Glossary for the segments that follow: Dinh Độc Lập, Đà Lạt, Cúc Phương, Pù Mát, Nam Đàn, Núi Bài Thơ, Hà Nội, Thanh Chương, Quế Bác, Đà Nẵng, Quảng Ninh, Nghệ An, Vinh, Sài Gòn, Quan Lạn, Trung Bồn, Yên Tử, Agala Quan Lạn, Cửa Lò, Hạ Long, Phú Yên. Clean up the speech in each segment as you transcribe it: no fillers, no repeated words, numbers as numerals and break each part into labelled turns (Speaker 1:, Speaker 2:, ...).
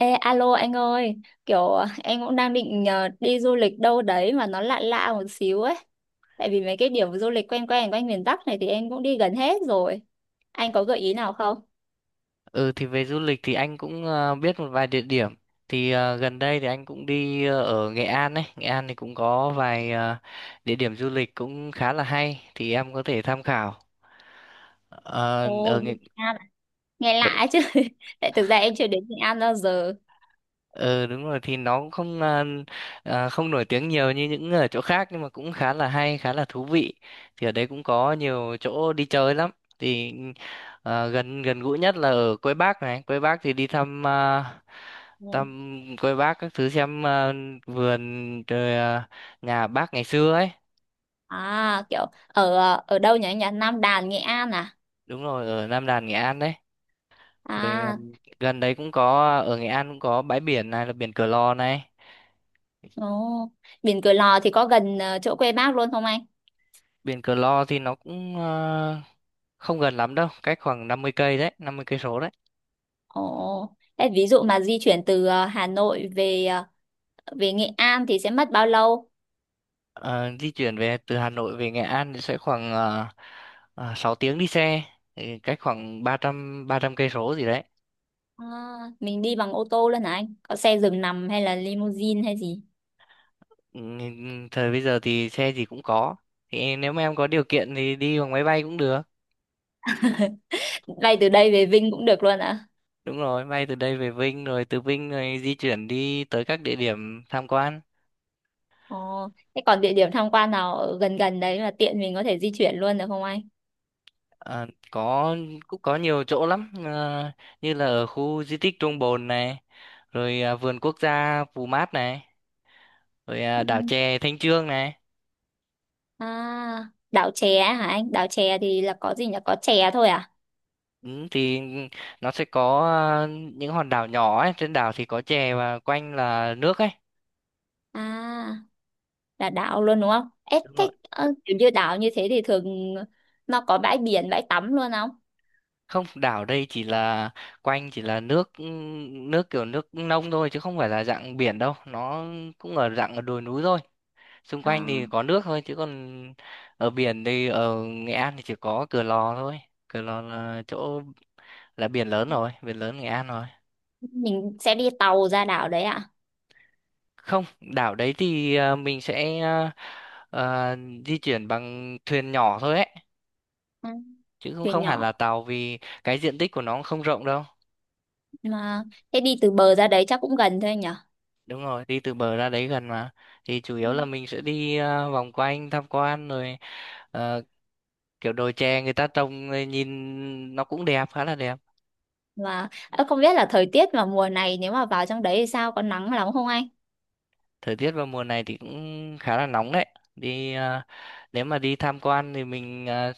Speaker 1: Ê, alo anh ơi, kiểu em cũng đang định đi du lịch đâu đấy mà nó lạ lạ một xíu ấy. Tại vì mấy cái điểm du lịch quen quen quanh miền Bắc này thì em cũng đi gần hết rồi. Anh có gợi ý nào không?
Speaker 2: Ừ thì về du lịch thì anh cũng biết một vài địa điểm. Thì gần đây thì anh cũng đi ở Nghệ An ấy. Nghệ An thì cũng có vài địa điểm du lịch cũng khá là hay thì em có thể tham khảo. Ờ,
Speaker 1: Ồ,
Speaker 2: ở
Speaker 1: đi
Speaker 2: Nghệ...
Speaker 1: Nghệ An à? Nghe lạ ấy chứ. Tại thực ra em chưa đến Nghệ An bao giờ.
Speaker 2: Ờ đúng rồi thì nó cũng không à, à, không nổi tiếng nhiều như những ở chỗ khác nhưng mà cũng khá là hay, khá là thú vị, thì ở đấy cũng có nhiều chỗ đi chơi lắm. thì gần gần gũi nhất là ở Quế Bác này. Quế Bác thì đi
Speaker 1: Ừ.
Speaker 2: thăm Quế Bác các thứ, xem vườn, nhà bác ngày xưa ấy.
Speaker 1: À, kiểu ở ở đâu nhỉ? Nhà Nam Đàn, Nghệ An à?
Speaker 2: Đúng rồi, ở Nam Đàn Nghệ An đấy. rồi à,
Speaker 1: À,
Speaker 2: Gần đấy cũng có, ở Nghệ An cũng có bãi biển, này là biển Cửa Lò này.
Speaker 1: ồ. Biển Cửa Lò thì có gần chỗ quê bác luôn không anh?
Speaker 2: Biển Cửa Lò thì nó không gần lắm đâu, cách khoảng 50 cây đấy, 50 cây số đấy.
Speaker 1: Ồ, thế ví dụ mà di chuyển từ Hà Nội về Nghệ An thì sẽ mất bao lâu?
Speaker 2: Ờ, di chuyển về từ Hà Nội về Nghệ An thì sẽ khoảng 6 tiếng đi xe, thì cách khoảng ba trăm cây số gì đấy.
Speaker 1: À, mình đi bằng ô tô luôn hả anh? Có xe giường nằm hay là limousine hay gì?
Speaker 2: Ừ, thời bây giờ thì xe gì cũng có, thì nếu mà em có điều kiện thì đi bằng máy bay cũng được.
Speaker 1: Bay từ đây về Vinh cũng được luôn ạ.
Speaker 2: Đúng rồi, bay từ đây về Vinh, rồi từ Vinh rồi di chuyển đi tới các địa điểm tham quan.
Speaker 1: Ồ, thế còn địa điểm tham quan nào ở gần gần đấy mà tiện mình có thể di chuyển luôn được không anh?
Speaker 2: Ờ, có, cũng có nhiều chỗ lắm. Ờ, như là ở khu di tích Trung Bồn này, vườn quốc gia Pù Mát này,
Speaker 1: Ừ.
Speaker 2: đảo chè Thanh Chương này.
Speaker 1: À, đảo chè hả anh? Đảo chè thì là có gì nhỉ? Có chè thôi à?
Speaker 2: Ừ, thì nó sẽ có à, những hòn đảo nhỏ ấy, trên đảo thì có chè và quanh là nước ấy.
Speaker 1: À, là đảo luôn đúng không? Ê,
Speaker 2: Đúng
Speaker 1: thế
Speaker 2: rồi,
Speaker 1: kiểu như đảo như thế thì thường nó có bãi biển, bãi tắm luôn không?
Speaker 2: không, đảo đây chỉ là quanh chỉ là nước, ừ, nước kiểu nước nông thôi chứ không phải là dạng biển đâu. Nó cũng ở dạng ở đồi núi thôi, xung quanh
Speaker 1: À.
Speaker 2: thì có nước thôi chứ còn ở biển thì ở Nghệ An thì chỉ có Cửa Lò thôi. Cửa Lò là chỗ là biển lớn rồi, biển lớn Nghệ An rồi.
Speaker 1: Mình sẽ đi tàu ra đảo đấy ạ.
Speaker 2: Không, đảo đấy thì mình sẽ ờ, di chuyển bằng thuyền nhỏ thôi ấy,
Speaker 1: Ừ,
Speaker 2: chứ cũng
Speaker 1: thuyền
Speaker 2: không hẳn
Speaker 1: nhỏ
Speaker 2: là tàu, vì cái diện tích của nó cũng không rộng đâu.
Speaker 1: mà thế đi từ bờ ra đấy chắc cũng gần thôi nhở.
Speaker 2: Đúng rồi, đi từ bờ ra đấy gần mà. Thì chủ yếu là mình sẽ đi vòng quanh tham quan, rồi ờ, kiểu đồi chè người ta trồng rồi nhìn nó cũng đẹp, khá là đẹp.
Speaker 1: Và ơ, không biết là thời tiết vào mùa này nếu mà vào trong đấy thì sao, có nắng lắm không anh?
Speaker 2: Thời tiết vào mùa này thì cũng khá là nóng đấy. Đi ờ, Nếu mà đi tham quan thì mình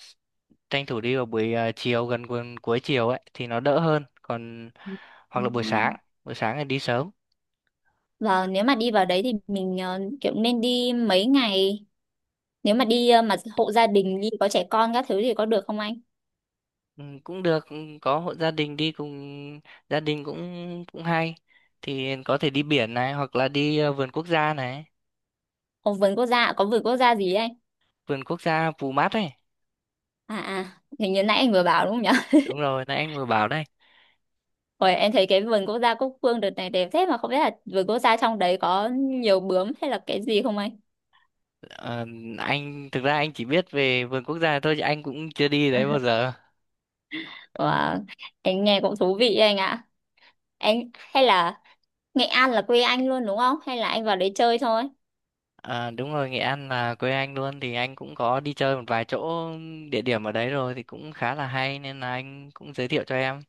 Speaker 2: tranh thủ đi vào buổi ờ, chiều cuối chiều ấy thì nó đỡ hơn. Còn hoặc
Speaker 1: Ừ.
Speaker 2: là buổi sáng, buổi sáng thì đi sớm.
Speaker 1: Và nếu mà đi vào đấy thì mình kiểu nên đi mấy ngày, nếu mà đi mà hộ gia đình đi có trẻ con các thứ thì có được không anh?
Speaker 2: Ừ, cũng được, ừ, có hộ gia đình đi cùng gia đình cũng cũng hay, thì có thể đi biển này hoặc là đi vườn quốc gia này,
Speaker 1: Có vườn quốc gia, có vườn quốc gia gì ấy anh?
Speaker 2: vườn quốc gia Pù Mát ấy.
Speaker 1: À à, hình như nãy anh vừa bảo đúng không nhở?
Speaker 2: Đúng rồi, nãy anh vừa bảo đấy.
Speaker 1: Ôi, em thấy cái vườn quốc gia Cúc Phương đợt này đẹp thế, mà không biết là vườn quốc gia trong đấy có nhiều bướm hay là cái gì không anh?
Speaker 2: Ờ, anh thực ra anh chỉ biết về vườn quốc gia thôi chứ anh cũng chưa đi đấy bao giờ.
Speaker 1: Wow. Anh nghe cũng thú vị đấy anh ạ. Anh hay là Nghệ An là quê anh luôn đúng không? Hay là anh vào đấy chơi thôi?
Speaker 2: Ờ, đúng rồi, Nghệ An là quê anh luôn, thì anh cũng có đi chơi một vài chỗ, địa điểm ở đấy rồi, thì cũng khá là hay nên là anh cũng giới thiệu cho em.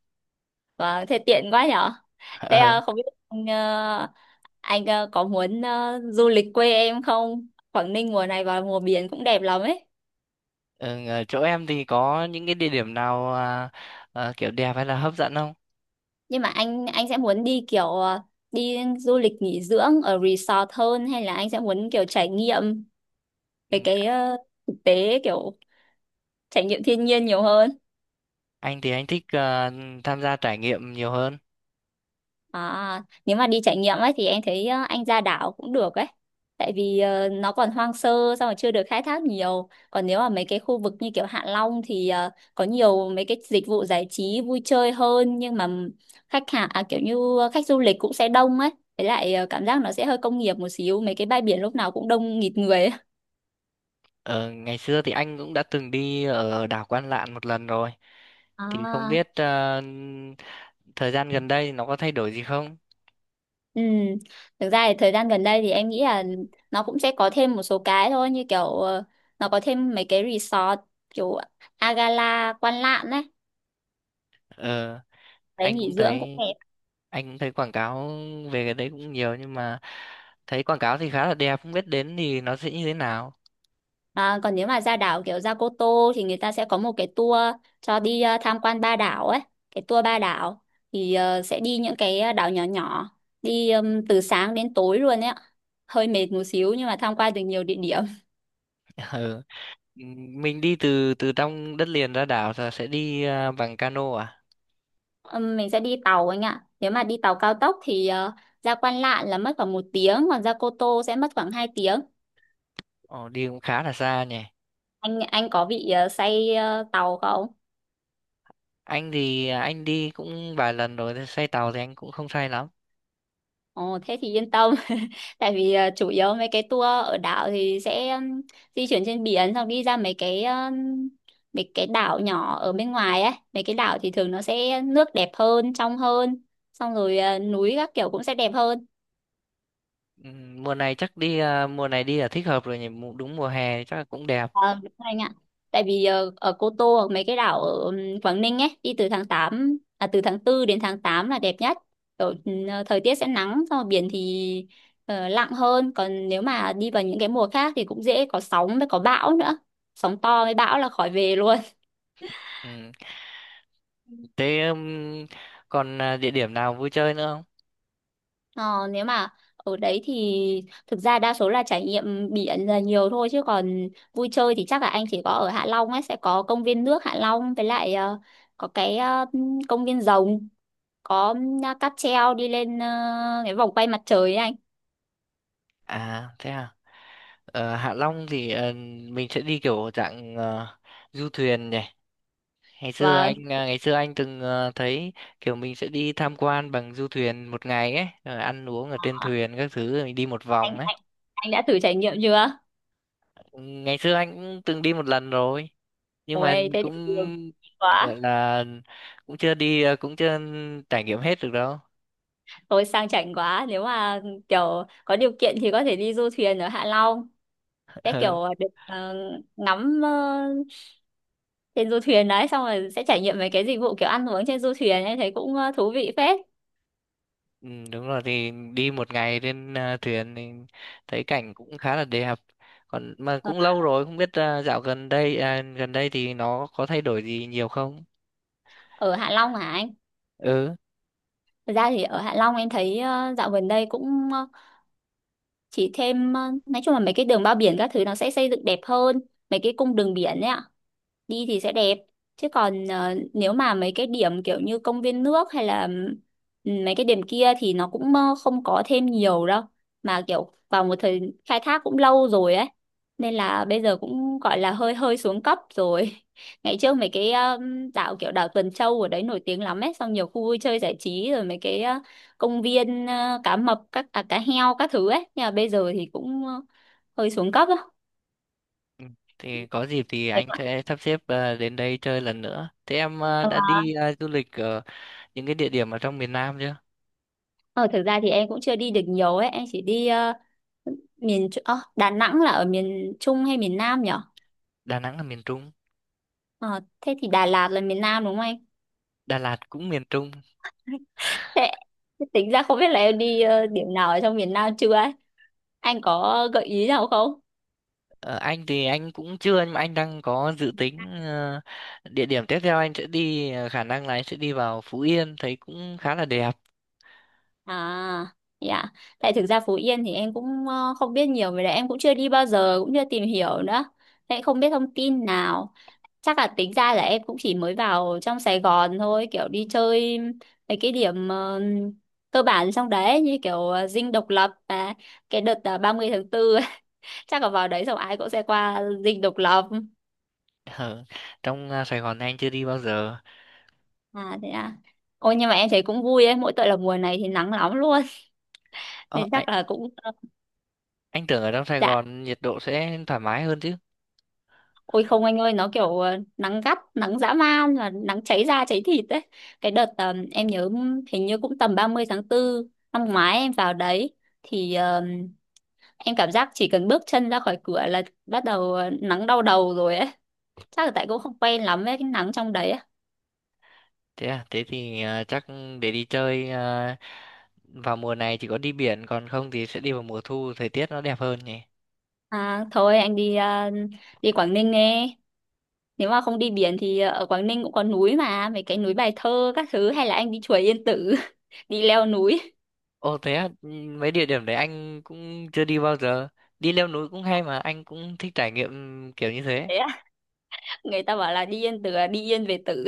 Speaker 1: Wow, thế tiện quá nhở. Thế à, không biết anh, anh có muốn du lịch quê em không? Quảng Ninh mùa này vào mùa biển cũng đẹp lắm ấy.
Speaker 2: Ừ, ở chỗ em thì có những cái địa điểm nào, kiểu đẹp hay là hấp dẫn không?
Speaker 1: Nhưng mà anh sẽ muốn đi kiểu đi du lịch nghỉ dưỡng ở resort hơn, hay là anh sẽ muốn kiểu trải nghiệm
Speaker 2: Ừ,
Speaker 1: về cái thực tế, kiểu trải nghiệm thiên nhiên nhiều hơn?
Speaker 2: anh thì anh thích tham gia trải nghiệm nhiều hơn.
Speaker 1: À, nếu mà đi trải nghiệm ấy thì em thấy anh ra đảo cũng được ấy. Tại vì nó còn hoang sơ, xong rồi chưa được khai thác nhiều. Còn nếu mà mấy cái khu vực như kiểu Hạ Long thì có nhiều mấy cái dịch vụ giải trí vui chơi hơn, nhưng mà khách hàng à, kiểu như khách du lịch cũng sẽ đông ấy. Với lại cảm giác nó sẽ hơi công nghiệp một xíu, mấy cái bãi biển lúc nào cũng đông nghịt người ấy.
Speaker 2: Ở ngày xưa thì anh cũng đã từng đi ở đảo Quan Lạn một lần rồi. Thì không
Speaker 1: À.
Speaker 2: biết, thời gian gần đây nó có thay đổi gì không?
Speaker 1: Ừ, thực ra thì thời gian gần đây thì em nghĩ là nó cũng sẽ có thêm một số cái thôi, như kiểu nó có thêm mấy cái resort kiểu Agala Quan Lạn đấy,
Speaker 2: Ờ,
Speaker 1: đấy
Speaker 2: anh
Speaker 1: nghỉ
Speaker 2: cũng
Speaker 1: dưỡng cũng
Speaker 2: thấy
Speaker 1: đẹp.
Speaker 2: anh cũng thấy quảng cáo về cái đấy cũng nhiều, nhưng mà thấy quảng cáo thì khá là đẹp, không biết đến thì nó sẽ như thế nào.
Speaker 1: À, còn nếu mà ra đảo kiểu ra Cô Tô thì người ta sẽ có một cái tour cho đi tham quan ba đảo ấy, cái tour ba đảo thì sẽ đi những cái đảo nhỏ nhỏ, đi từ sáng đến tối luôn ấy ạ, hơi mệt một xíu nhưng mà tham quan được nhiều địa điểm.
Speaker 2: Mình đi từ từ trong đất liền ra đảo là sẽ đi bằng cano à?
Speaker 1: Mình sẽ đi tàu anh ạ. Nếu mà đi tàu cao tốc thì ra Quan Lạn là mất khoảng một tiếng, còn ra Cô Tô sẽ mất khoảng 2 tiếng.
Speaker 2: Ồ, đi cũng khá là xa nhỉ.
Speaker 1: Anh có bị say tàu không?
Speaker 2: Anh thì anh đi cũng vài lần rồi, thế say tàu thì anh cũng không say lắm.
Speaker 1: Ồ, thế thì yên tâm. Tại vì chủ yếu mấy cái tour ở đảo thì sẽ di chuyển trên biển, xong đi ra mấy cái đảo nhỏ ở bên ngoài ấy. Mấy cái đảo thì thường nó sẽ nước đẹp hơn, trong hơn, xong rồi núi các kiểu cũng sẽ đẹp hơn.
Speaker 2: Mùa này chắc đi, mùa này đi là thích hợp rồi nhỉ. Đúng mùa hè thì chắc là cũng đẹp.
Speaker 1: Ờ, đúng rồi anh ạ. Tại vì ở Cô Tô hoặc mấy cái đảo ở Quảng Ninh ấy, đi từ tháng 8 à, từ tháng tư đến tháng 8 là đẹp nhất. Kiểu, thời tiết sẽ nắng, xong rồi biển thì lặng hơn, còn nếu mà đi vào những cái mùa khác thì cũng dễ có sóng với có bão nữa. Sóng to với bão là khỏi về luôn.
Speaker 2: Ừm, thế địa điểm nào vui chơi nữa không?
Speaker 1: Ờ, nếu mà ở đấy thì thực ra đa số là trải nghiệm biển là nhiều thôi, chứ còn vui chơi thì chắc là anh chỉ có ở Hạ Long ấy, sẽ có công viên nước Hạ Long, với lại có cái công viên rồng, có cáp treo đi lên cái vòng quay mặt trời ấy anh.
Speaker 2: À, thế à. Ờ, Hạ Long thì mình sẽ đi kiểu dạng du thuyền nhỉ. Ngày xưa
Speaker 1: Và
Speaker 2: ngày xưa anh từng thấy kiểu mình sẽ đi tham quan bằng du thuyền một ngày ấy, rồi ăn uống ở trên thuyền các thứ rồi mình đi một vòng
Speaker 1: anh
Speaker 2: ấy.
Speaker 1: anh anh đã thử trải nghiệm chưa?
Speaker 2: Ừ, ngày xưa anh cũng từng đi một lần rồi, nhưng mà
Speaker 1: Ôi thế thì
Speaker 2: cũng
Speaker 1: quá,
Speaker 2: gọi là cũng chưa đi à, cũng chưa trải nghiệm hết được đâu.
Speaker 1: tôi sang chảnh quá, nếu mà kiểu có điều kiện thì có thể đi du thuyền ở Hạ Long, sẽ kiểu được ngắm trên du thuyền đấy, xong rồi sẽ trải nghiệm mấy cái dịch vụ kiểu ăn uống trên du thuyền, em thấy cũng thú vị phết.
Speaker 2: Ừ, đúng rồi, thì đi một ngày trên thuyền thì thấy cảnh cũng khá là đẹp. Còn mà
Speaker 1: Ờ,
Speaker 2: cũng lâu rồi, không biết à, dạo gần đây à, gần đây thì nó có thay đổi gì nhiều không?
Speaker 1: ở Hạ Long hả anh?
Speaker 2: Ừ.
Speaker 1: Thật ra thì ở Hạ Long em thấy dạo gần đây cũng chỉ thêm nói chung là mấy cái đường bao biển các thứ nó sẽ xây dựng đẹp hơn, mấy cái cung đường biển ấy ạ, đi thì sẽ đẹp. Chứ còn nếu mà mấy cái điểm kiểu như công viên nước, hay là ừ, mấy cái điểm kia thì nó cũng không có thêm nhiều đâu, mà kiểu vào một thời khai thác cũng lâu rồi ấy, nên là bây giờ cũng gọi là hơi hơi xuống cấp rồi. Ngày trước mấy cái đảo kiểu đảo Tuần Châu ở đấy nổi tiếng lắm ấy, xong nhiều khu vui chơi giải trí, rồi mấy cái công viên cá mập các à, cá heo các thứ ấy, nhưng mà bây giờ thì cũng hơi xuống cấp á.
Speaker 2: Ừ, thì có dịp thì
Speaker 1: Đẹp
Speaker 2: anh
Speaker 1: quá.
Speaker 2: sẽ sắp xếp đến đây chơi lần nữa. Thế em đã đi du lịch ở những cái địa điểm ở trong miền Nam chưa?
Speaker 1: Ờ, thực ra thì em cũng chưa đi được nhiều ấy, em chỉ đi miền Tr- Đà Nẵng là ở miền Trung hay miền Nam nhở?
Speaker 2: Đà Nẵng là miền Trung.
Speaker 1: Ờ, thế thì Đà Lạt là miền Nam đúng không anh?
Speaker 2: Đà Lạt cũng miền Trung.
Speaker 1: Thế, thế tính ra không biết là em đi điểm nào ở trong miền Nam chưa ấy? Anh có gợi ý nào không?
Speaker 2: Ờ, anh thì anh cũng chưa, nhưng mà anh đang có dự tính, địa điểm tiếp theo anh sẽ đi, khả năng là anh sẽ đi vào Phú Yên, thấy cũng khá là đẹp.
Speaker 1: À, dạ. Tại thực ra Phú Yên thì em cũng không biết nhiều về đấy, em cũng chưa đi bao giờ, cũng chưa tìm hiểu nữa. Thế không biết thông tin nào. Chắc là tính ra là em cũng chỉ mới vào trong Sài Gòn thôi, kiểu đi chơi mấy cái điểm cơ bản trong đấy, như kiểu Dinh Độc Lập, và cái đợt ba mươi tháng 4 chắc là vào đấy xong ai cũng sẽ qua Dinh Độc Lập.
Speaker 2: Ở trong Sài Gòn anh chưa đi bao giờ.
Speaker 1: À thế à. Ôi nhưng mà em thấy cũng vui ấy, mỗi tội là mùa này thì nắng lắm luôn
Speaker 2: Ờ,
Speaker 1: nên
Speaker 2: anh,
Speaker 1: chắc là cũng
Speaker 2: anh tưởng ở trong Sài
Speaker 1: dạ.
Speaker 2: Gòn nhiệt độ sẽ thoải mái hơn chứ.
Speaker 1: Ôi không anh ơi, nó kiểu nắng gắt, nắng dã man và nắng cháy da cháy thịt đấy. Cái đợt em nhớ hình như cũng tầm 30/4 năm ngoái em vào đấy, thì em cảm giác chỉ cần bước chân ra khỏi cửa là bắt đầu nắng đau đầu rồi ấy. Chắc là tại cũng không quen lắm với cái nắng trong đấy á.
Speaker 2: Thế à, thế thì chắc để đi chơi vào mùa này chỉ có đi biển, còn không thì sẽ đi vào mùa thu thời tiết nó đẹp hơn nhỉ.
Speaker 1: À, thôi anh đi đi Quảng Ninh nghe. Nếu mà không đi biển thì ở Quảng Ninh cũng có núi mà, mấy cái núi Bài Thơ các thứ, hay là anh đi chùa Yên Tử, đi leo núi.
Speaker 2: Ồ thế à, ừ, mấy địa điểm đấy anh cũng chưa đi bao giờ. Đi leo núi cũng hay, mà anh cũng thích trải nghiệm kiểu như thế.
Speaker 1: Thế á, người ta bảo là đi Yên Tử là đi yên về Tử.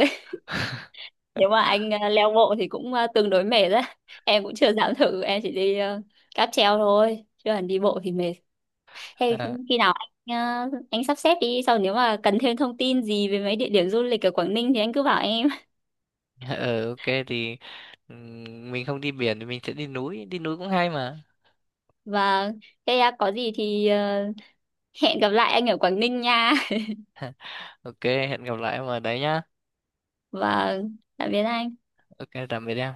Speaker 1: Nếu mà anh leo bộ thì cũng tương đối mệt đấy em cũng chưa dám thử, em chỉ đi cáp treo thôi chứ còn đi bộ thì mệt. Thế khi
Speaker 2: À,
Speaker 1: khi nào anh anh sắp xếp đi sau, nếu mà cần thêm thông tin gì về mấy địa điểm du lịch ở Quảng Ninh thì anh cứ bảo em.
Speaker 2: ờ ok, thì mình không đi biển thì mình sẽ đi núi cũng hay mà.
Speaker 1: Và thế có gì thì hẹn gặp lại anh ở Quảng Ninh nha.
Speaker 2: Ok, hẹn gặp lại mà đấy nhá.
Speaker 1: Và tạm biệt anh.
Speaker 2: Ok, tạm biệt em.